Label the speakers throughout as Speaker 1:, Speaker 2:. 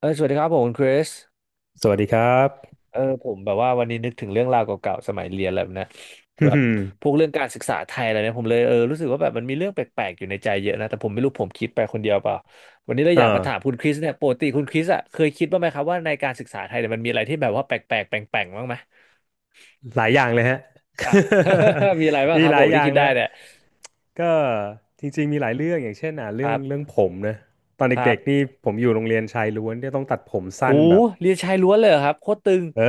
Speaker 1: สวัสดีครับผมคุณคริส
Speaker 2: สวัสดีครับ
Speaker 1: ผมแบบว่าวันนี้นึกถึงเรื่องราวเก่าๆสมัยเรียนอะไรแบบนะ
Speaker 2: อื
Speaker 1: แบบ
Speaker 2: ม
Speaker 1: พวกเรื่องการศึกษาไทยอะไรเนี่ยผมเลยรู้สึกว่าแบบมันมีเรื่องแปลกๆอยู่ในใจเยอะนะแต่ผมไม่รู้ผมคิดไปคนเดียวเปล่าวันนี้เราอยากมาถาม
Speaker 2: เออ
Speaker 1: คุณคริสเนี่ยปกติคุณคริสอ่ะเคยคิดบ้างไหมครับว่าในการศึกษาไทยเนี่ยมันมีอะไรที่แบบว่าแปลกๆแปลงๆบ้างไหม
Speaker 2: หลายอย่างเลยฮะ
Speaker 1: อ่ะ มีอะไรบ้า ง
Speaker 2: มี
Speaker 1: ครับ
Speaker 2: ห
Speaker 1: ผ
Speaker 2: ลาย
Speaker 1: ม
Speaker 2: อ
Speaker 1: ที่
Speaker 2: ย่าง
Speaker 1: คิด
Speaker 2: เลย
Speaker 1: ได้
Speaker 2: ฮะ
Speaker 1: เนี่ย
Speaker 2: ก็จริงๆมีหลายเรื่องอย่างเช่น
Speaker 1: ค
Speaker 2: เรื่อ
Speaker 1: รั
Speaker 2: งเรื่อง
Speaker 1: บ
Speaker 2: ผมนะตอน
Speaker 1: ครั
Speaker 2: เด็กๆนี่
Speaker 1: บ
Speaker 2: ผมอยู่โรงเรียนชายล้วนที่ยต้องตัดผมสั้น
Speaker 1: หู
Speaker 2: แบบ
Speaker 1: เรียนชายล้วนเลยเหรอครับโคตรตึง
Speaker 2: เออ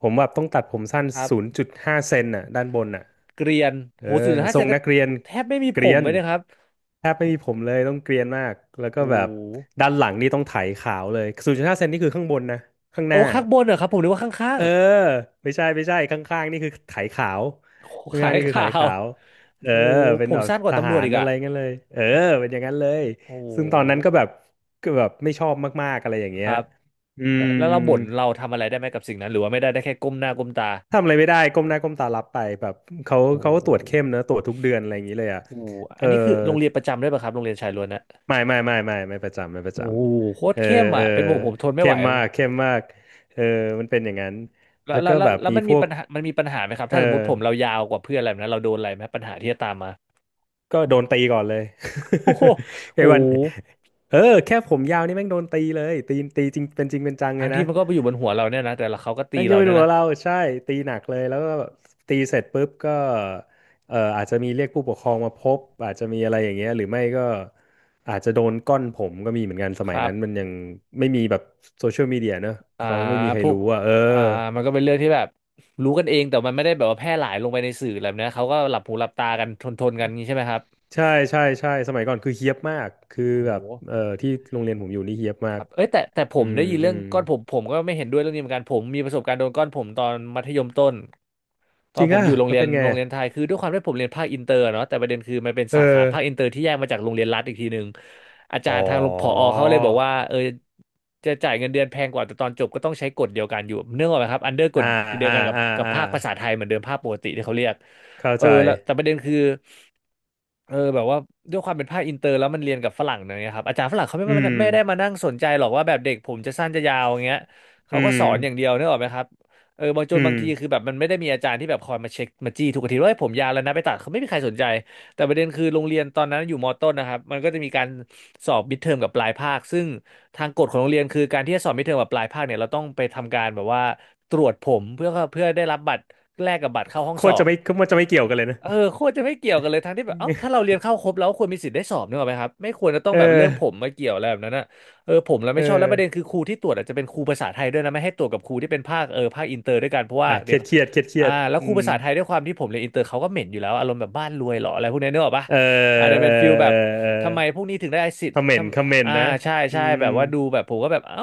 Speaker 2: ผมแบบต้องตัดผมสั้น
Speaker 1: ครั
Speaker 2: ศูน
Speaker 1: บ
Speaker 2: ย์จุดห้าเซนน่ะด้านบนน่ะ
Speaker 1: เกรียน
Speaker 2: เอ
Speaker 1: โห
Speaker 2: อ
Speaker 1: ศูนย์จุดห้า
Speaker 2: ทร
Speaker 1: เซ
Speaker 2: ง
Speaker 1: นก็
Speaker 2: นักเรียน
Speaker 1: แทบไม่มี
Speaker 2: เก
Speaker 1: ผ
Speaker 2: รี
Speaker 1: ม
Speaker 2: ยน
Speaker 1: เลยนะครับ
Speaker 2: แทบไม่มีผมเลยต้องเกรียนมากแล้ว
Speaker 1: โ
Speaker 2: ก็แบบ
Speaker 1: ห
Speaker 2: ด้านหลังนี่ต้องไถขาวเลยศูนย์จุดห้าเซนนี่คือข้างบนนะข้างห
Speaker 1: โอ้
Speaker 2: น้า
Speaker 1: ข้างบนเหรอครับผมนึกว่าข้า
Speaker 2: เอ
Speaker 1: ง
Speaker 2: อไม่ใช่ไม่ใช่ข้างๆนี่คือไถขาว
Speaker 1: ๆโอ้ขา
Speaker 2: ข้าง
Speaker 1: ย
Speaker 2: ๆนี่คือไถ
Speaker 1: ข่าว
Speaker 2: ขาวเออ
Speaker 1: โอ้
Speaker 2: เป็
Speaker 1: ผ
Speaker 2: น
Speaker 1: ม
Speaker 2: แบบ
Speaker 1: สั้นก
Speaker 2: ท
Speaker 1: ว่าตำร
Speaker 2: หา
Speaker 1: วจ
Speaker 2: ร
Speaker 1: อีก
Speaker 2: อะ
Speaker 1: อะ
Speaker 2: ไรงั้นเลยเออเป็นอย่างนั้นเลย
Speaker 1: โอ้
Speaker 2: ซึ่งตอนนั้นก็แบบก็แบบไม่ชอบมากๆอะไรอย่าง
Speaker 1: ค
Speaker 2: เงี้ย
Speaker 1: รับ
Speaker 2: อื
Speaker 1: เอ่
Speaker 2: ม
Speaker 1: อแล้ว
Speaker 2: อื
Speaker 1: เรา
Speaker 2: ม
Speaker 1: บ่นเราทำอะไรได้ไหมกับสิ่งนั้นหรือว่าไม่ได้ได้แค่ก้มหน้าก้มตา
Speaker 2: ทำอะไรไม่ได้ก้มหน้าก้มตารับไปแบบเขา
Speaker 1: โอ้
Speaker 2: เขาก็ตรวจเข้มนะตรวจทุกเดือนอะไรอย่างนี้เลย
Speaker 1: โห
Speaker 2: เอ
Speaker 1: อั
Speaker 2: อ
Speaker 1: นนี้คือโรงเรียนประจำด้วยป่ะครับโรงเรียนชายล้วนนะ
Speaker 2: ไม่ไม่ไม่ไม่ไม่ประจำไม่ประจ
Speaker 1: โอ้โหโค
Speaker 2: ำ
Speaker 1: ต
Speaker 2: เอ
Speaker 1: ร
Speaker 2: อ
Speaker 1: เข้ม
Speaker 2: เอ
Speaker 1: อ่ะ
Speaker 2: อ
Speaker 1: เป็นผมผมทนไม่
Speaker 2: เข้
Speaker 1: ไหว
Speaker 2: มมา
Speaker 1: อะ
Speaker 2: กเข้มมากเออมันเป็นอย่างนั้น
Speaker 1: แล้ว
Speaker 2: แล้ว
Speaker 1: แล้
Speaker 2: ก็
Speaker 1: วแล้
Speaker 2: แบ
Speaker 1: ว
Speaker 2: บ
Speaker 1: แล้ว
Speaker 2: มีพวก
Speaker 1: มันมีปัญหาไหมครับ
Speaker 2: เอ
Speaker 1: ถ้าสมมติ
Speaker 2: อ
Speaker 1: ผมเรายาวกว่าเพื่อนอะไรแบบนั้นเราโดนอะไรไหมปัญหาที่จะตามมา
Speaker 2: ก็โดนตีก่อนเลย
Speaker 1: โอ้โห
Speaker 2: ไอ้
Speaker 1: โอ้
Speaker 2: วัน
Speaker 1: โห
Speaker 2: เออแค่ผมยาวนี่แม่งโดนตีเลยตีจริงเป็นจริงเป็นจังเล
Speaker 1: ทั้ง
Speaker 2: ยนะ
Speaker 1: ที่มันก็ไปอยู่บนหัวเราเนี่ยนะแต่ละเขาก็
Speaker 2: แม่
Speaker 1: ตี
Speaker 2: งจะ
Speaker 1: เรา
Speaker 2: เป็น
Speaker 1: เนี่ย
Speaker 2: หัว
Speaker 1: นะ
Speaker 2: เราใช่ตีหนักเลยแล้วก็แบบตีเสร็จปุ๊บก็อาจจะมีเรียกผู้ปกครองมาพบอาจจะมีอะไรอย่างเงี้ยหรือไม่ก็อาจจะโดนก้อนผมก็มีเหมือนกันส
Speaker 1: ค
Speaker 2: มัย
Speaker 1: รั
Speaker 2: นั้
Speaker 1: บ
Speaker 2: นมันยังไม่มีแบบโซเชียลมีเดียเนอะ
Speaker 1: อ่า
Speaker 2: เขาไม่มีใคร
Speaker 1: พวก
Speaker 2: รู้อ่ะเออ
Speaker 1: อ่ามันก็เป็นเรื่องที่แบบรู้กันเองแต่มันไม่ได้แบบว่าแพร่หลายลงไปในสื่ออะไรแบบเนี้ยเขาก็หลับหูหลับตากันทนกันงนี้ใช่ไหมครับ
Speaker 2: ใช่ใช่ใช่สมัยก่อนคือเฮี้ยบมากคือ
Speaker 1: โห
Speaker 2: แบบที่โรงเรียนผมอยู่นี่เฮี้ยบมา
Speaker 1: ค
Speaker 2: ก
Speaker 1: รับเอ้ยแต่ผ
Speaker 2: อื
Speaker 1: ม
Speaker 2: ม
Speaker 1: ได้ยิน
Speaker 2: อื
Speaker 1: เรื่อง
Speaker 2: ม
Speaker 1: ก้อนผมผมก็ไม่เห็นด้วยเรื่องนี้เหมือนกันผมมีประสบการณ์โดนก้อนผมตอนมัธยมต้นตอ
Speaker 2: จ
Speaker 1: น
Speaker 2: ริง
Speaker 1: ผม
Speaker 2: อ่ะ
Speaker 1: อยู่
Speaker 2: แล้วเป็นไง
Speaker 1: โรง
Speaker 2: อะ
Speaker 1: เรียนไทยคือด้วยความที่ผมเรียนภาคอินเตอร์เนาะแต่ประเด็นคือมันเป็น
Speaker 2: เอ
Speaker 1: สา
Speaker 2: อ
Speaker 1: ขาภาคอินเตอร์ที่แยกมาจากโรงเรียนรัฐอีกทีหนึ่งอาจา
Speaker 2: อ๋อ
Speaker 1: รย์ทางผอเขาเลยบอกว่าจะจ่ายเงินเดือนแพงกว่าแต่ตอนจบก็ต้องใช้กฎเดียวกันอยู่เนื่องออกไหมครับอันเดอร์ก
Speaker 2: อ่า
Speaker 1: ฎเดียว
Speaker 2: อ่า
Speaker 1: กันกับ
Speaker 2: อ่าอ่า
Speaker 1: ภาคภาษาไทยเหมือนเดิมภาคปกติที่เขาเรียก
Speaker 2: เข้า
Speaker 1: เออ
Speaker 2: ใจ
Speaker 1: แล้วแต่ประเด็นคือ แบบว่าด้วยความเป็นภาคอินเตอร์แล้วมันเรียนกับฝรั่งเนยครับอาจารย์ฝรั่งเขาไม่
Speaker 2: อื
Speaker 1: มา
Speaker 2: ม
Speaker 1: ไม่ได้มานั่งสนใจหรอกว่าแบบเด็กผมจะสั้นจะยาวอย่างเงี้ย
Speaker 2: อื
Speaker 1: เขาก็ส
Speaker 2: ม
Speaker 1: อนอย่างเดียวนึกออกไหมครับเออ
Speaker 2: อื
Speaker 1: บา
Speaker 2: ม
Speaker 1: งทีคือแบบมันไม่ได้มีอาจารย์ที่แบบคอยมาเช็คมาจี้ทุกอาทิตย์ว่าเฮ้ยผมยาวแล้วนะไปตัดเขาไม่มีใครสนใจแต่ประเด็นคือโรงเรียนตอนนั้นอยู่มต้นนะครับมันก็จะมีการสอบมิดเทอมกับปลายภาคซึ่งทางกฎของโรงเรียนคือการที่จะสอบมิดเทอมกับปลายภาคเนี่ยเราต้องไปทำการแบบว่าตรวจผมเพื่อได้รับบัตรแลกกับบัตรเข้าห้อง
Speaker 2: โค
Speaker 1: ส
Speaker 2: ต
Speaker 1: อ
Speaker 2: รจะ
Speaker 1: บ
Speaker 2: ไม่โคตรจะไม่เกี่ยวกันเลยนะ
Speaker 1: เออโคตรจะไม่เกี่ยวกันเลยทั้งที่แบบเอ้าถ้าเรา เรียนเข้าครบแล้วควรมีสิทธิ์ได้สอบนึกออกไหมครับไม่ควรจะต้อง
Speaker 2: เออ
Speaker 1: แบบเลือกผมมาเกี่ยวอะไรแบบนั้นนะเออผมเรา
Speaker 2: เอ
Speaker 1: ไม่ชอบแล้วประเด็น
Speaker 2: อ
Speaker 1: คือครูที่ตรวจอาจจะเป็นครูภาษาไทยด้วยนะไม่ให้ตรวจกับครูที่เป็นภาคภาคอินเตอร์ด้วยกันเพราะว่า
Speaker 2: อ่ะเค
Speaker 1: เดี๋
Speaker 2: รี
Speaker 1: ย
Speaker 2: ย
Speaker 1: ว
Speaker 2: ดเครียดเครียดเครี
Speaker 1: อ่า
Speaker 2: ยด
Speaker 1: แล้ว
Speaker 2: อื
Speaker 1: ครู
Speaker 2: ม
Speaker 1: ภาษาไทยด้วยความที่ผมเรียนอินเตอร์เขาก็เหม็นอยู่แล้วอารมณ์แบบบ้านรวยเหรออะไรพวกนี้นึกออกปะ
Speaker 2: เออ
Speaker 1: อาจจะ
Speaker 2: เอ
Speaker 1: เป็น
Speaker 2: อ
Speaker 1: ฟิลแบ
Speaker 2: เอ
Speaker 1: บ
Speaker 2: อเออ
Speaker 1: ทำไมพวกนี้ถึงได้สิท
Speaker 2: ค
Speaker 1: ธิ์
Speaker 2: อมเม
Speaker 1: ท
Speaker 2: นต์คอมเมน
Speaker 1: ำอ่า
Speaker 2: ต์นะ
Speaker 1: ใช่
Speaker 2: อื
Speaker 1: ใช่
Speaker 2: ม
Speaker 1: แบบว่าดูแบบผมก็แบบเอ้า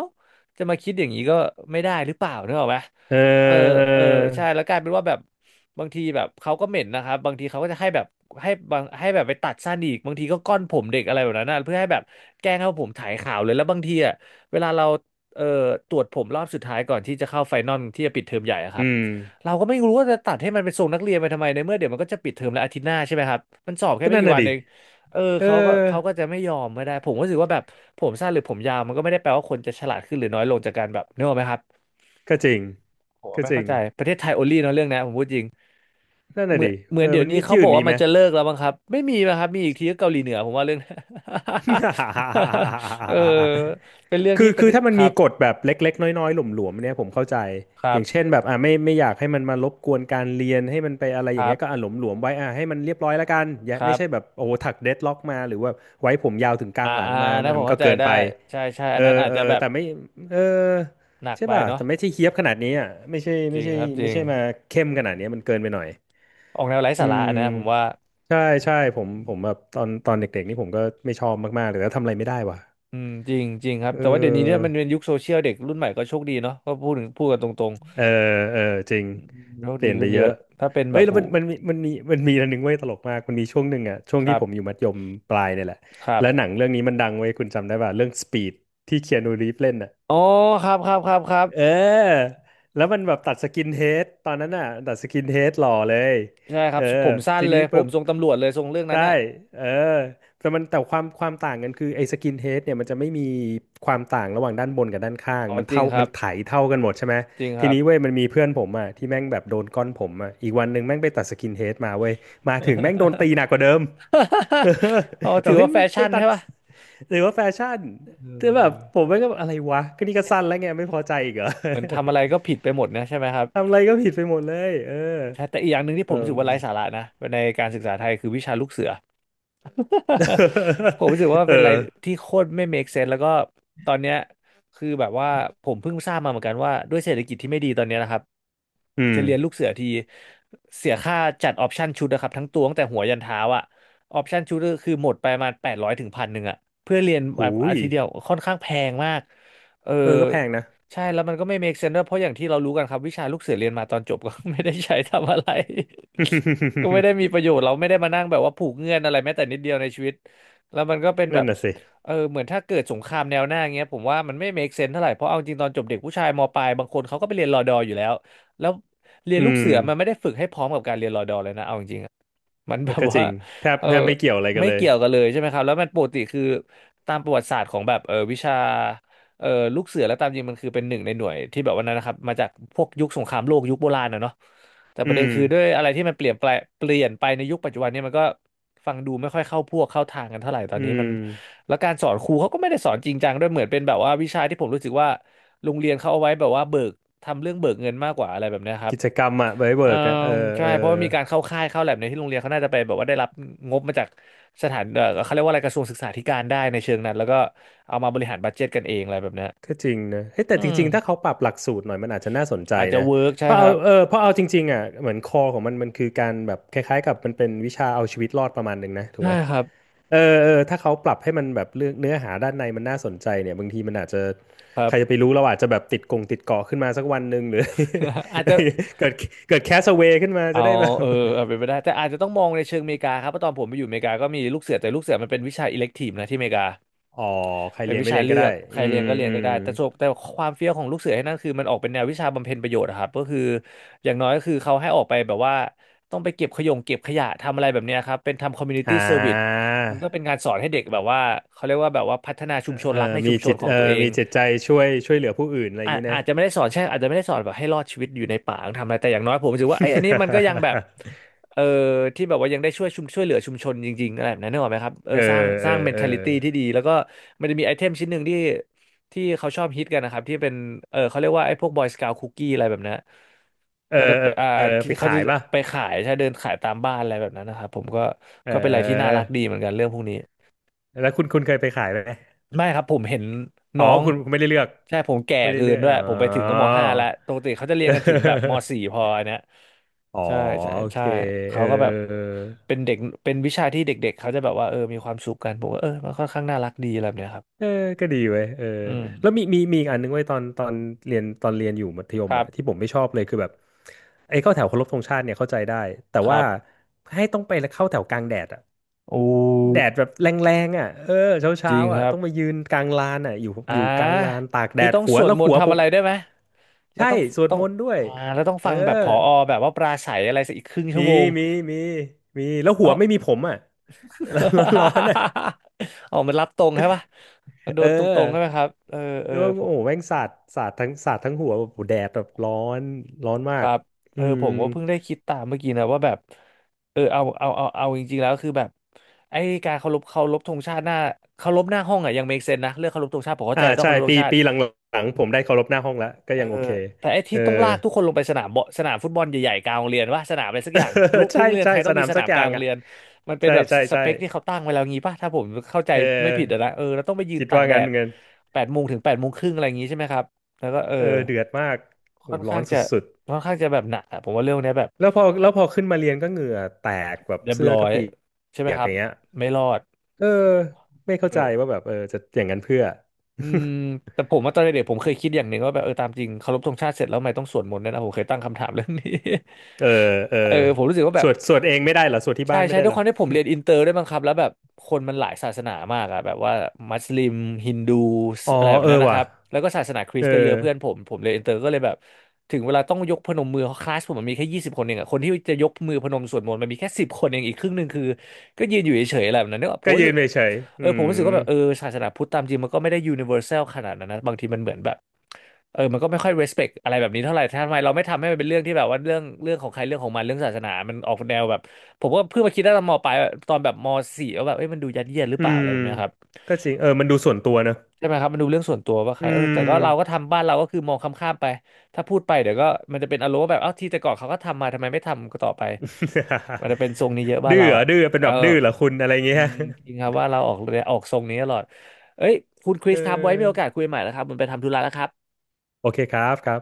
Speaker 1: จะมาคิดอย่างนี้ก็ไม่ได้หรือเปล่านึกออกปะ
Speaker 2: เออ
Speaker 1: เออ
Speaker 2: เอ
Speaker 1: เออใช่
Speaker 2: อ
Speaker 1: แล้วกลายเป็นว่าแบบ บางทีแบบเขาก็เหม็นนะครับบางทีเขาก็จะให้แบบให้แบบไปตัดสั้นอีกบางทีก็ก้อนผมเด็กอะไรแบบนั้นนะเพื่อให้แบบแกล้งให้ผมถ่ายขาวเลยแล้วบางทีอ่ะเวลาเราเอ่อตรวจผมรอบสุดท้ายก่อนที่จะเข้าไฟนอลที่จะปิดเทอมใหญ่อะค
Speaker 2: อื
Speaker 1: รับ
Speaker 2: ม
Speaker 1: เราก็ไม่รู้ว่าจะตัดให้มันเป็นทรงนักเรียนไปทำไมในเมื่อเดี๋ยวมันก็จะปิดเทอมแล้วอาทิตย์หน้าใช่ไหมครับมันสอบแค่
Speaker 2: ก็
Speaker 1: ไม่
Speaker 2: นั่น
Speaker 1: กี่
Speaker 2: น่ะ
Speaker 1: วัน
Speaker 2: ดิ
Speaker 1: เองเออ
Speaker 2: เออ
Speaker 1: เขาก็จะไม่ยอมไม่ได้ผมก็รู้สึกว่าแบบผมสั้นหรือผมยาวมันก็ไม่ได้แปลว่าคนจะฉลาดขึ้นหรือน้อยลงจากการแบบนึกออกไหมครับ
Speaker 2: ก็จริง
Speaker 1: ผม
Speaker 2: ก็
Speaker 1: ไม่
Speaker 2: จริ
Speaker 1: เข้า
Speaker 2: ง
Speaker 1: ใจประเทศไทยโอลี่เนาะเรื่องนี้ผมพูดจริง
Speaker 2: นั่น
Speaker 1: เห
Speaker 2: น่ะ
Speaker 1: มือน
Speaker 2: ดิ
Speaker 1: เหมือ
Speaker 2: เอ
Speaker 1: น
Speaker 2: อ
Speaker 1: เดี๋ย
Speaker 2: มั
Speaker 1: ว
Speaker 2: น
Speaker 1: นี้
Speaker 2: มี
Speaker 1: เขา
Speaker 2: ที่
Speaker 1: บ
Speaker 2: อื่
Speaker 1: อก
Speaker 2: นมี
Speaker 1: ว่ามั
Speaker 2: ไหม
Speaker 1: นจะเลิกแล้วมั้งครับไม่มีนะครับมีอีกทีก็เกาหลีเหนือผมว่าเรื่อง เออเป็นเรื่อง
Speaker 2: คื
Speaker 1: ที่
Speaker 2: อ
Speaker 1: ประ
Speaker 2: คื
Speaker 1: เท
Speaker 2: อ
Speaker 1: ศ
Speaker 2: ถ้ามั
Speaker 1: ค
Speaker 2: น
Speaker 1: รั
Speaker 2: มี
Speaker 1: บ
Speaker 2: กฎแบบเล็กๆน้อยๆหลวมๆเนี่ยผมเข้าใจ
Speaker 1: ครั
Speaker 2: อย่างเช่
Speaker 1: บ
Speaker 2: นแบบอ่าไม่ไม่อยากให้มันมารบกวนการเรียนให้มันไปอะไร
Speaker 1: ค
Speaker 2: อย่าง
Speaker 1: รั
Speaker 2: เงี้ยก็อ่า
Speaker 1: บ
Speaker 2: หลวมๆไว้อ่าให้มันเรียบร้อยแล้วกันอย่า
Speaker 1: ครั
Speaker 2: ไม่
Speaker 1: บ
Speaker 2: ใช่แบบโอ้โหถักเดดล็อกมาหรือว่าไว้ผมยาวถึงกลา
Speaker 1: อ่า
Speaker 2: งหลัง
Speaker 1: อ่า
Speaker 2: มา
Speaker 1: นะผ
Speaker 2: มั
Speaker 1: ม
Speaker 2: นก็
Speaker 1: เข้าใจ
Speaker 2: เกิน
Speaker 1: ได้
Speaker 2: ไป
Speaker 1: ใช่ใช่อั
Speaker 2: เอ
Speaker 1: นนั้น
Speaker 2: อ
Speaker 1: อาจ
Speaker 2: เอ
Speaker 1: จะ
Speaker 2: อ
Speaker 1: แบบ
Speaker 2: แต่ไม่เออ
Speaker 1: หนัก
Speaker 2: ใช่
Speaker 1: ไป
Speaker 2: ป่ะ
Speaker 1: เนาะ
Speaker 2: แต่ไม่ใช่เฮี้ยบขนาดนี้อ่ะไม่ใช่
Speaker 1: จ
Speaker 2: ไม่
Speaker 1: ริง
Speaker 2: ใช่
Speaker 1: ครับจ
Speaker 2: ไม่
Speaker 1: ริง
Speaker 2: ใช่มาเข้มขนาดเนี้ยมันเกินไปหน่อย
Speaker 1: ออกแนวไร้สา
Speaker 2: อื
Speaker 1: ระอันนะผมว่า
Speaker 2: มใช่ใช่ผมผมแบบตอนเด็กๆนี่ผมก็ไม่ชอบมากๆเลยแล้วทำอะไรไม่ได้ว่ะ
Speaker 1: อืมจริงจริงครับ
Speaker 2: เอ
Speaker 1: แต่ว่าเดี๋ยวนี้เนี่ย
Speaker 2: อ
Speaker 1: มันเป็นยุคโซเชียลเด็กรุ่นใหม่ก็โชคดีเนาะก็พูดกันตรง
Speaker 2: เออ เออ จริง
Speaker 1: ๆอืมโชค
Speaker 2: เปลี่
Speaker 1: ดี
Speaker 2: ยนไป
Speaker 1: ขึ้น
Speaker 2: เย
Speaker 1: เย
Speaker 2: อะ
Speaker 1: อะถ้าเป็นแบ
Speaker 2: เอ้ย
Speaker 1: บ
Speaker 2: แล้ว
Speaker 1: ผู
Speaker 2: มันมันมีมันมีมันมีอันหนึงเว้ยตลกมากมันมีช่วงหนึ่งอะช่วง
Speaker 1: ค
Speaker 2: ที่
Speaker 1: รับ
Speaker 2: ผมอยู่มัธยมปลายเนี่ยแหละ
Speaker 1: ครั
Speaker 2: แล้วห
Speaker 1: บ
Speaker 2: นังเรื่องนี้มันดังเว้ยคุณจำได้ป่ะเรื่อง Speed ที่เคียนูรีฟเล่นอะ
Speaker 1: อ๋อครับครับครับครับ
Speaker 2: เออ แล้วมันแบบตัดสกินเฮดตอนนั้นน่ะตัดสกินเฮดหล่อเลย
Speaker 1: ใช่ค
Speaker 2: เอ
Speaker 1: รับ
Speaker 2: อ
Speaker 1: ผมสั้น
Speaker 2: ที
Speaker 1: เล
Speaker 2: นี้
Speaker 1: ยผ
Speaker 2: ปุ๊
Speaker 1: ม
Speaker 2: บ
Speaker 1: ทรงตำรวจเลยทรงเรื่องนั้น
Speaker 2: ใช่
Speaker 1: อะ
Speaker 2: เออแต่มันแต่ความต่างกันคือไอ้สกินเฮดเนี่ยมันจะไม่มีความต่างระหว่างด้านบนกับด้านข้าง
Speaker 1: อ๋อ
Speaker 2: มัน
Speaker 1: จริง
Speaker 2: เท่า
Speaker 1: ครั
Speaker 2: มั
Speaker 1: บ
Speaker 2: นไถเท่ากันหมดใช่ไหม
Speaker 1: จริงค
Speaker 2: ที
Speaker 1: รับ
Speaker 2: นี้เว้ยมันมีเพื่อนผมอ่ะที่แม่งแบบโดนก้อนผมอ่ะอีกวันหนึ่งแม่งไปตัดสกินเฮดมาเว้ย มาถึงแม่งโดนตีหนักกว่าเดิม เออ
Speaker 1: อ๋อ
Speaker 2: แบ
Speaker 1: ถื
Speaker 2: บ
Speaker 1: อ
Speaker 2: ให้
Speaker 1: ว่า
Speaker 2: ย
Speaker 1: แฟ
Speaker 2: มึงไป
Speaker 1: ชั่น
Speaker 2: ตั
Speaker 1: ใช่
Speaker 2: ด
Speaker 1: ป่ะ
Speaker 2: หรือว่าแฟชั่น
Speaker 1: เ
Speaker 2: แต่แบบ
Speaker 1: ออ
Speaker 2: ผมแม่งก็แบบอะไรวะก็นี่ก็สั้นแล้วไงไม่พอใจอีกเหรอ
Speaker 1: เหมือนทำอะไรก็ผิดไปหมดนะใช่ไหมครับ
Speaker 2: ทำอะไรก็ผิดไปหมดเลยเออ
Speaker 1: ใช่แต่อีกอย่างหนึ่งที่ผ
Speaker 2: เอ
Speaker 1: มรู้
Speaker 2: อ
Speaker 1: สึกว่าไร้สาระนะในการศึกษาไทยคือวิชาลูกเสือ ผมรู้สึกว่า เป็นอะไร
Speaker 2: เออ
Speaker 1: ที่โคตรไม่ make sense แล้วก็ตอนเนี้ยคือแบบว่าผมเพิ่งทราบมาเหมือนกันว่าด้วยเศรษฐกิจที่ไม่ดีตอนเนี้ยนะครับ
Speaker 2: อื
Speaker 1: จะ
Speaker 2: ม
Speaker 1: เรียนลูกเสือทีเสียค่าจัดออปชั่นชุดนะครับทั้งตัวตั้งแต่หัวยันเท้าอะออปชั่นชุดก็คือหมดไปประมาแปดร้อยถึงพันหนึ่งอะเพื่อเรียน
Speaker 2: หู
Speaker 1: อา
Speaker 2: ย
Speaker 1: ทิตย์เดียวค่อนข้างแพงมากเออ
Speaker 2: เออก็แพงนะ
Speaker 1: ใช่แล้วมันก็ไม่ make sense ด้วยเพราะอย่างที่เรารู้กันครับวิชาลูกเสือเรียนมาตอนจบก็ ไม่ได้ใช้ทำอะไร ก็ไม่ได้ มีประโยชน์เราไม่ได้มานั่งแบบว่าผูกเงื่อนอะไรแม้แต่นิดเดียวในชีวิตแล้วมันก็เป็นแบ
Speaker 2: นั่
Speaker 1: บ
Speaker 2: นน่ะสิ
Speaker 1: เออเหมือนถ้าเกิดสงครามแนวหน้าเงี้ยผมว่ามันไม่ make sense เท่าไหร่เพราะเอาจริงตอนจบเด็กผู้ชายมปลายบางคนเขาก็ไปเรียนรอดออยู่แล้วแล้วเรียน
Speaker 2: อื
Speaker 1: ลูก
Speaker 2: ม
Speaker 1: เสือมันไม่ได้ฝึกให้พร้อมกับการเรียนรอดอเลยนะเอาจริง มัน
Speaker 2: เอ
Speaker 1: แบ
Speaker 2: อ
Speaker 1: บ
Speaker 2: ก็จ
Speaker 1: ว่า
Speaker 2: ริงแทบ
Speaker 1: เออ
Speaker 2: แทบไม่เกี่ยวอะไรกัน
Speaker 1: ไม่
Speaker 2: เลย
Speaker 1: เกี่ยวกันเลยใช่ไหมครับแล้วมันปกติคือตามประวัติศาสตร์ของแบบวิชาเออลูกเสือแล้วตามจริงมันคือเป็นหนึ่งในหน่วยที่แบบว่านั้นนะครับมาจากพวกยุคสงครามโลกยุคโบราณนะเนาะแต่ป
Speaker 2: อื
Speaker 1: ระเด็น
Speaker 2: ม
Speaker 1: คือด้วยอะไรที่มันเปลี่ยนแปลงเปลี่ยนไปในยุคปัจจุบันเนี่ยมันก็ฟังดูไม่ค่อยเข้าพวกเข้าทางกันเท่าไหร่ตอ
Speaker 2: อื
Speaker 1: นนี้
Speaker 2: ม
Speaker 1: มันแล้วการสอนครูเขาก็ไม่ได้สอนจริงจังด้วยเหมือนเป็นแบบว่าวิชาที่ผมรู้สึกว่าโรงเรียนเขาเอาไว้แบบว่าเบิกทำเรื่องเบิกเงินมากกว่าอะไรแบบเนี้ยครับ
Speaker 2: กิจกรรมอะไว้
Speaker 1: เออ
Speaker 2: เวิร์กอะเออ
Speaker 1: ใช่
Speaker 2: เออ
Speaker 1: เพราะว่ามีการเข้าค่ายเข้าแลบในที่โรงเรียนเขาน่าจะไปแบบว่าได้รับงบมาจากสถานเออเขาเรียกว่าอะไรกระทรวงศึกษาธิการได้ในเชิงนั้นแล้วก็เอามาบริหารบัดเจ็ตกันเองอะไรแบบเนี้ย
Speaker 2: ก็จริงนะเฮ้ยแต่
Speaker 1: อื
Speaker 2: จ
Speaker 1: ม
Speaker 2: ริงๆถ้าเขาปรับหลักสูตรหน่อยมันอาจจะน่าสนใจ
Speaker 1: อาจจะ
Speaker 2: นะ
Speaker 1: เวิร์ก
Speaker 2: เพ
Speaker 1: ใช่
Speaker 2: ราะ
Speaker 1: ค
Speaker 2: เอา
Speaker 1: รับ
Speaker 2: เออเพราะเอาจริงๆอ่ะเหมือนคอของมันมันคือการแบบคล้ายๆกับมันเป็นวิชาเอาชีวิตรอดประมาณหนึ่งนะถูก
Speaker 1: ใช่
Speaker 2: ไหม
Speaker 1: ครับ
Speaker 2: เออเออถ้าเขาปรับให้มันแบบเรื่องเนื้อหาด้านในมันน่าสนใจเนี่ยบางทีมันอาจจะ
Speaker 1: ครั
Speaker 2: ใค
Speaker 1: บ
Speaker 2: รจะไปรู้เราอาจจะแบบติดกงติดเกาะขึ้นมาสักวันหนึ่งหรือ
Speaker 1: อาจจะ
Speaker 2: เกิดเกิดแคสเวย์ขึ้นมา
Speaker 1: เอา
Speaker 2: จะได้แบบ
Speaker 1: เออเอาเป็นไปได้แต่อาจจะต้องมองในเชิงอเมริกาครับเพราะตอนผมไปอยู่อเมริกาก็มีลูกเสือแต่ลูกเสือมันเป็นวิชาอิเล็กทีฟนะที่อเมริกา
Speaker 2: อ๋อใคร
Speaker 1: เป็น
Speaker 2: เรียน
Speaker 1: วิ
Speaker 2: ไม่
Speaker 1: ชา
Speaker 2: เรียน
Speaker 1: เลื
Speaker 2: ก็
Speaker 1: อ
Speaker 2: ได้
Speaker 1: กใค
Speaker 2: อื
Speaker 1: รเรียน
Speaker 2: ม
Speaker 1: ก็เรีย
Speaker 2: อื
Speaker 1: นก็
Speaker 2: ม
Speaker 1: ได้แต่ความเฟี้ยวของลูกเสือให้นั่นคือมันออกเป็นแนววิชาบำเพ็ญประโยชน์อะครับก็คืออย่างน้อยก็คือเขาให้ออกไปแบบว่าต้องไปเก็บขยะทำอะไรแบบเนี้ยครับเป็นทำคอมมูนิ
Speaker 2: อ่
Speaker 1: ตี้เซอร์วิส
Speaker 2: า
Speaker 1: มันก็เป็นการสอนให้เด็กแบบว่าเขาเรียกว่าแบบว่าพัฒนา
Speaker 2: เอ
Speaker 1: ชุมชน
Speaker 2: อ
Speaker 1: รักในชุมชนของตัวเอ
Speaker 2: มี
Speaker 1: ง
Speaker 2: จิตใจช่วยเหลือผู้อื่นอะไรอย่า
Speaker 1: อา
Speaker 2: ง
Speaker 1: จ
Speaker 2: นี้นะ
Speaker 1: อาจจะไม่ได้สอนใช่อาจจะไม่ได้สอนแบบให้รอดชีวิตอยู่ในป่าต้องทำอะไรแต่อย่างน้อยผมรู้สึกว่าเอ้ยอันนี้มันก็ยังแบบ เออที่แบบว่ายังได้ช่วยเหลือชุมชนจริงๆอะไรแบบนั้นนึกออกไหมครับเออ
Speaker 2: เออ
Speaker 1: สร้างส
Speaker 2: เออ
Speaker 1: ร้าง m e ท
Speaker 2: เออ
Speaker 1: t a ิตี้ที่ดีแล้วก็มันจะมีไอเทมชิ้นหนึ่งที่ที่เขาชอบฮิตกันนะครับที่เป็นเขาเรียกว่าไอ้พวก Boy Scout Cookie อะไรแบบนั้น
Speaker 2: เออ
Speaker 1: ก็จะ
Speaker 2: เออ
Speaker 1: ที่
Speaker 2: ไป
Speaker 1: เขา
Speaker 2: ขา
Speaker 1: จะ
Speaker 2: ยป่ะ
Speaker 1: ไปขายใช่เดินขายตามบ้านอะไรแบบนั้นนะครับผมก็
Speaker 2: เอ
Speaker 1: ก็เป็นอะไรที่น่า
Speaker 2: อ
Speaker 1: รักดีเหมือนกันเรื่องพวกนี้
Speaker 2: แล้วคุณเคยไปขายไหม
Speaker 1: ไม่ครับผมเห็น
Speaker 2: อ๋อ
Speaker 1: น้อง
Speaker 2: คุณไม่ได้เลือก
Speaker 1: ใช่ผมแก่
Speaker 2: ไม่ได้
Speaker 1: เกิ
Speaker 2: เลื
Speaker 1: น
Speaker 2: อก
Speaker 1: ด้วย
Speaker 2: อ๋อ
Speaker 1: ผมไปถึงก็มห้าแล้วปกติเขาจะเรียนกันถึงแบบม สี่พออันเนี้ย
Speaker 2: อ๋อ
Speaker 1: ใช่ใช่
Speaker 2: โอ
Speaker 1: ใช่
Speaker 2: เคเอ
Speaker 1: เขา
Speaker 2: อ
Speaker 1: ก็แบบ
Speaker 2: เอ
Speaker 1: เป็
Speaker 2: อ
Speaker 1: นเด็กเป็นวิชาที่เด็กๆเขาจะแบบว่าเออมีความสุขกันผมก็เออมันค่อนข้างน่ารักดีอะไรแบบเนี้ยครับ
Speaker 2: เออเออก็ดีเว้ยเออ
Speaker 1: อือมม
Speaker 2: แล้วมีมีมีอีกอันนึงเว้ยตอนเรียนตอนเรียนอยู่มัธย
Speaker 1: ค
Speaker 2: ม
Speaker 1: รั
Speaker 2: อ่ะที่ผ
Speaker 1: บ
Speaker 2: มไม่ชอบเลยคือแบบไอ้เข้าแถวเคารพธงชาติเนี่ยเข้าใจได้แต่
Speaker 1: ครั
Speaker 2: ว่า
Speaker 1: บ
Speaker 2: ให้ต้องไปแล้วเข้าแถวกลางแดดอ่ะ
Speaker 1: โอ
Speaker 2: แดด
Speaker 1: ้
Speaker 2: แบบแรงๆอ่ะเออเช้า
Speaker 1: จ
Speaker 2: เช้า
Speaker 1: ริงค
Speaker 2: อ่ะ
Speaker 1: รับ
Speaker 2: ต้องมายืนกลางลานอ่ะอยู่
Speaker 1: อ่
Speaker 2: อยู่กลางลาน
Speaker 1: า
Speaker 2: ตากแด
Speaker 1: พี่
Speaker 2: ด
Speaker 1: ต้อง
Speaker 2: หั
Speaker 1: ส
Speaker 2: ว
Speaker 1: วด
Speaker 2: แล้ว
Speaker 1: มน
Speaker 2: หั
Speaker 1: ต์
Speaker 2: วผ
Speaker 1: ทำอะ
Speaker 2: ม
Speaker 1: ไรได้วยไหมแล้ว
Speaker 2: ใช่
Speaker 1: ต้อง
Speaker 2: สวด
Speaker 1: ต้อ
Speaker 2: ม
Speaker 1: ง
Speaker 2: นต์ด้วย
Speaker 1: อ่าแล้วต้อง
Speaker 2: เออ
Speaker 1: ฟังแบบผอแบบว่าปราศัยอะไรสักอีกครึ่ง
Speaker 2: มี
Speaker 1: ชั่วโมง
Speaker 2: มีมีมีแล้วหัวไม่มีผมอ่ะ แล้วร้อนๆอ่ะ
Speaker 1: อ๋อมันรับตรงใช่ปะมันโด
Speaker 2: เอ
Speaker 1: นตร
Speaker 2: อ
Speaker 1: งๆใช่ไหมครับเออเออ
Speaker 2: แล้ว
Speaker 1: ผ
Speaker 2: โอ้
Speaker 1: ม
Speaker 2: โหแม่งสาดสาดทั้งสาดทั้งหัวแบบโอ้โหแดดแบบร้อนร้อนมา
Speaker 1: ค
Speaker 2: ก
Speaker 1: รับเอ
Speaker 2: อื
Speaker 1: อ
Speaker 2: ม
Speaker 1: ผมก็เพิ่งได้คิดตามเมื่อกี้นะว่าแบบเออเอาจริงๆแล้วคือแบบไอ้การเคารพธงชาติหน้าเคารพหน้าห้องอ่ะยัง make sense นะเรื่องเคารพธงชาติผมเข้า
Speaker 2: อ่า
Speaker 1: ใจต้อง
Speaker 2: ใช่
Speaker 1: เคารพธ
Speaker 2: ปี
Speaker 1: งชาติ
Speaker 2: ปีหลังๆผมได้เคารพหน้าห้องแล้วก็
Speaker 1: เออ
Speaker 2: ยังโอเค
Speaker 1: แต่ไอ้
Speaker 2: เอ
Speaker 1: ที่
Speaker 2: อ
Speaker 1: ต้องลากทุกคนลงไปสนามฟุตบอลใหญ่ๆกลางโรงเรียนว่าสนามอะไรสักอย่างทุก ทุ
Speaker 2: ใช่
Speaker 1: กโรงเรียน
Speaker 2: ใช่
Speaker 1: ไทย
Speaker 2: ส
Speaker 1: ต้อง
Speaker 2: นา
Speaker 1: มี
Speaker 2: ม
Speaker 1: ส
Speaker 2: สั
Speaker 1: นา
Speaker 2: ก
Speaker 1: ม
Speaker 2: อ
Speaker 1: ก
Speaker 2: ย่า
Speaker 1: ลาง
Speaker 2: ง
Speaker 1: โรง
Speaker 2: อ่ะ
Speaker 1: เรียนมันเป็น
Speaker 2: ใช่
Speaker 1: แบบ
Speaker 2: ใช่
Speaker 1: ส
Speaker 2: ใช่
Speaker 1: เปคที่เขาตั้งไว้แล้วงี้ป่ะถ้าผมเข้าใจ
Speaker 2: เออ
Speaker 1: ไม่ผิดอะนะเออแล้วต้องไปยืน
Speaker 2: คิด
Speaker 1: ตาก
Speaker 2: ว่า
Speaker 1: แด
Speaker 2: งั้น
Speaker 1: ด
Speaker 2: เงิน
Speaker 1: แปดโมงถึง8 โมงครึ่งอะไรอย่างงี้ใช่ไหมครับแล้วก็เออ
Speaker 2: เออเดือดมากโห
Speaker 1: ค่อน
Speaker 2: ร้อ
Speaker 1: ข้า
Speaker 2: น
Speaker 1: ง
Speaker 2: ส
Speaker 1: จะ
Speaker 2: ุด
Speaker 1: ค่อนข้างจะแบบหนักอะผมว่าเรื่องเนี้ยแบบ
Speaker 2: ๆแล้วพอแล้วพอขึ้นมาเรียนก็เหงื่อแตกแบบ
Speaker 1: เรียบ
Speaker 2: เสื้อ
Speaker 1: ร้อ
Speaker 2: ก็
Speaker 1: ย
Speaker 2: เปียก
Speaker 1: ใช่ไหม
Speaker 2: อ
Speaker 1: ครับ
Speaker 2: ย่างเงี้ย
Speaker 1: ไม่รอด
Speaker 2: เออไม่เข้า
Speaker 1: เอ
Speaker 2: ใจ
Speaker 1: อ
Speaker 2: ว่าแบบเออจะอย่างนั้นเพื่อ
Speaker 1: อืมแต่ผมว่าตอนเด็กๆผมเคยคิดอย่างหนึ่งว่าแบบเออตามจริงเคารพธงชาติเสร็จแล้วทำไมต้องสวดมนต์ด้วยนะผมเคยตั้งคำถามเรื่องนี้
Speaker 2: เออเออ
Speaker 1: เออผมรู้สึกว่าแบ
Speaker 2: ส
Speaker 1: บ
Speaker 2: วดสวดเองไม่ได้เหรอสวดที่
Speaker 1: ใช่
Speaker 2: บ้าน
Speaker 1: ใช่
Speaker 2: ไม่ได้
Speaker 1: ด้ว
Speaker 2: เห
Speaker 1: ย
Speaker 2: ร
Speaker 1: ค
Speaker 2: อ
Speaker 1: วามที่ผมเรียนอินเตอร์ด้วยมั้งครับแล้วแบบคนมันหลายศาสนามากอะแบบว่ามัสลิมฮินดู
Speaker 2: อ๋อ
Speaker 1: อะไรแบบ
Speaker 2: เออ
Speaker 1: นั้นนะค
Speaker 2: ว่ะ
Speaker 1: รับแล้วก็ศาสนาคริ
Speaker 2: เอ
Speaker 1: ส
Speaker 2: อ
Speaker 1: ต์ก็เยอะเพื่อนผมผมเรียนอินเตอร์ก็เลยแบบถึงเวลาต้องยกพนมมือคลาสผมมันมีแค่20 คนเองอะคนที่จะยกมือพนมสวดมนต์มันมีแค่สิบคนเองอีกครึ่งหนึ่งคือก็ยืนอยู่เฉยๆอะไรแบบนั้นเนกอะผ
Speaker 2: ก็
Speaker 1: มรู้
Speaker 2: ยื
Speaker 1: สึ
Speaker 2: น
Speaker 1: ก
Speaker 2: เฉยๆ
Speaker 1: เอ
Speaker 2: อื
Speaker 1: อผมรู้สึกว่าแบบเออ
Speaker 2: ม
Speaker 1: ศาสนาพุทธตามจริงมันก็ไม่ได้ยูนิเวอร์แซลขนาดนั้นนะบางทีมันเหมือนแบบเออมันก็ไม่ค่อย respect อะไรแบบนี้เท่าไหร่ทำไมเราไม่ทำให้มันเป็นเรื่องที่แบบว่าเรื่องของใครเรื่องของมันเรื่องศาสนามันออกแนวแบบผมก็เพิ่งมาคิดได้ตอนมปลายตอนแบบมสี่ว่าแบบเอ้ยมันดูยัดเยียดหรือ
Speaker 2: อื
Speaker 1: เปล่าอะ
Speaker 2: ม
Speaker 1: ไรแบบเนี้ยครับ
Speaker 2: ก็จริงเออมันดูส่วนตัวเนอะ
Speaker 1: ใช่ไหมครับมันดูเรื่องส่วนตัวว่าใค
Speaker 2: อื
Speaker 1: รเออ
Speaker 2: ม
Speaker 1: แต่ก็เราก็ทำบ้านเราก็คือมองข้ามๆไปถ้าพูดไปเดี๋ยวก็มันจะเป็นอารมณ์ว่าแบบเอ้าที่แต่ก่อนเขาก็ทำมาทำไมไม่ทำก็ต่อไปมันจะเป็นทรงนี้เยอะ บ้าน
Speaker 2: ดื้อ
Speaker 1: เรา
Speaker 2: เหรอ
Speaker 1: อ่ะ
Speaker 2: ดื้อเป็น
Speaker 1: เอ
Speaker 2: แบ
Speaker 1: อ
Speaker 2: บดื้อเหรอคุณอะไร
Speaker 1: อื
Speaker 2: เงี้ย
Speaker 1: มจริงครับว่าเราออกเรือออกทรงนี้ตลอดเอ้ยคุณค ริ
Speaker 2: เ
Speaker 1: สครับไว้มีโอ
Speaker 2: ออ
Speaker 1: กาสคุยใหม่แล้วครับผมันไปทำธุระแล้วครับ
Speaker 2: โอเคครับครับ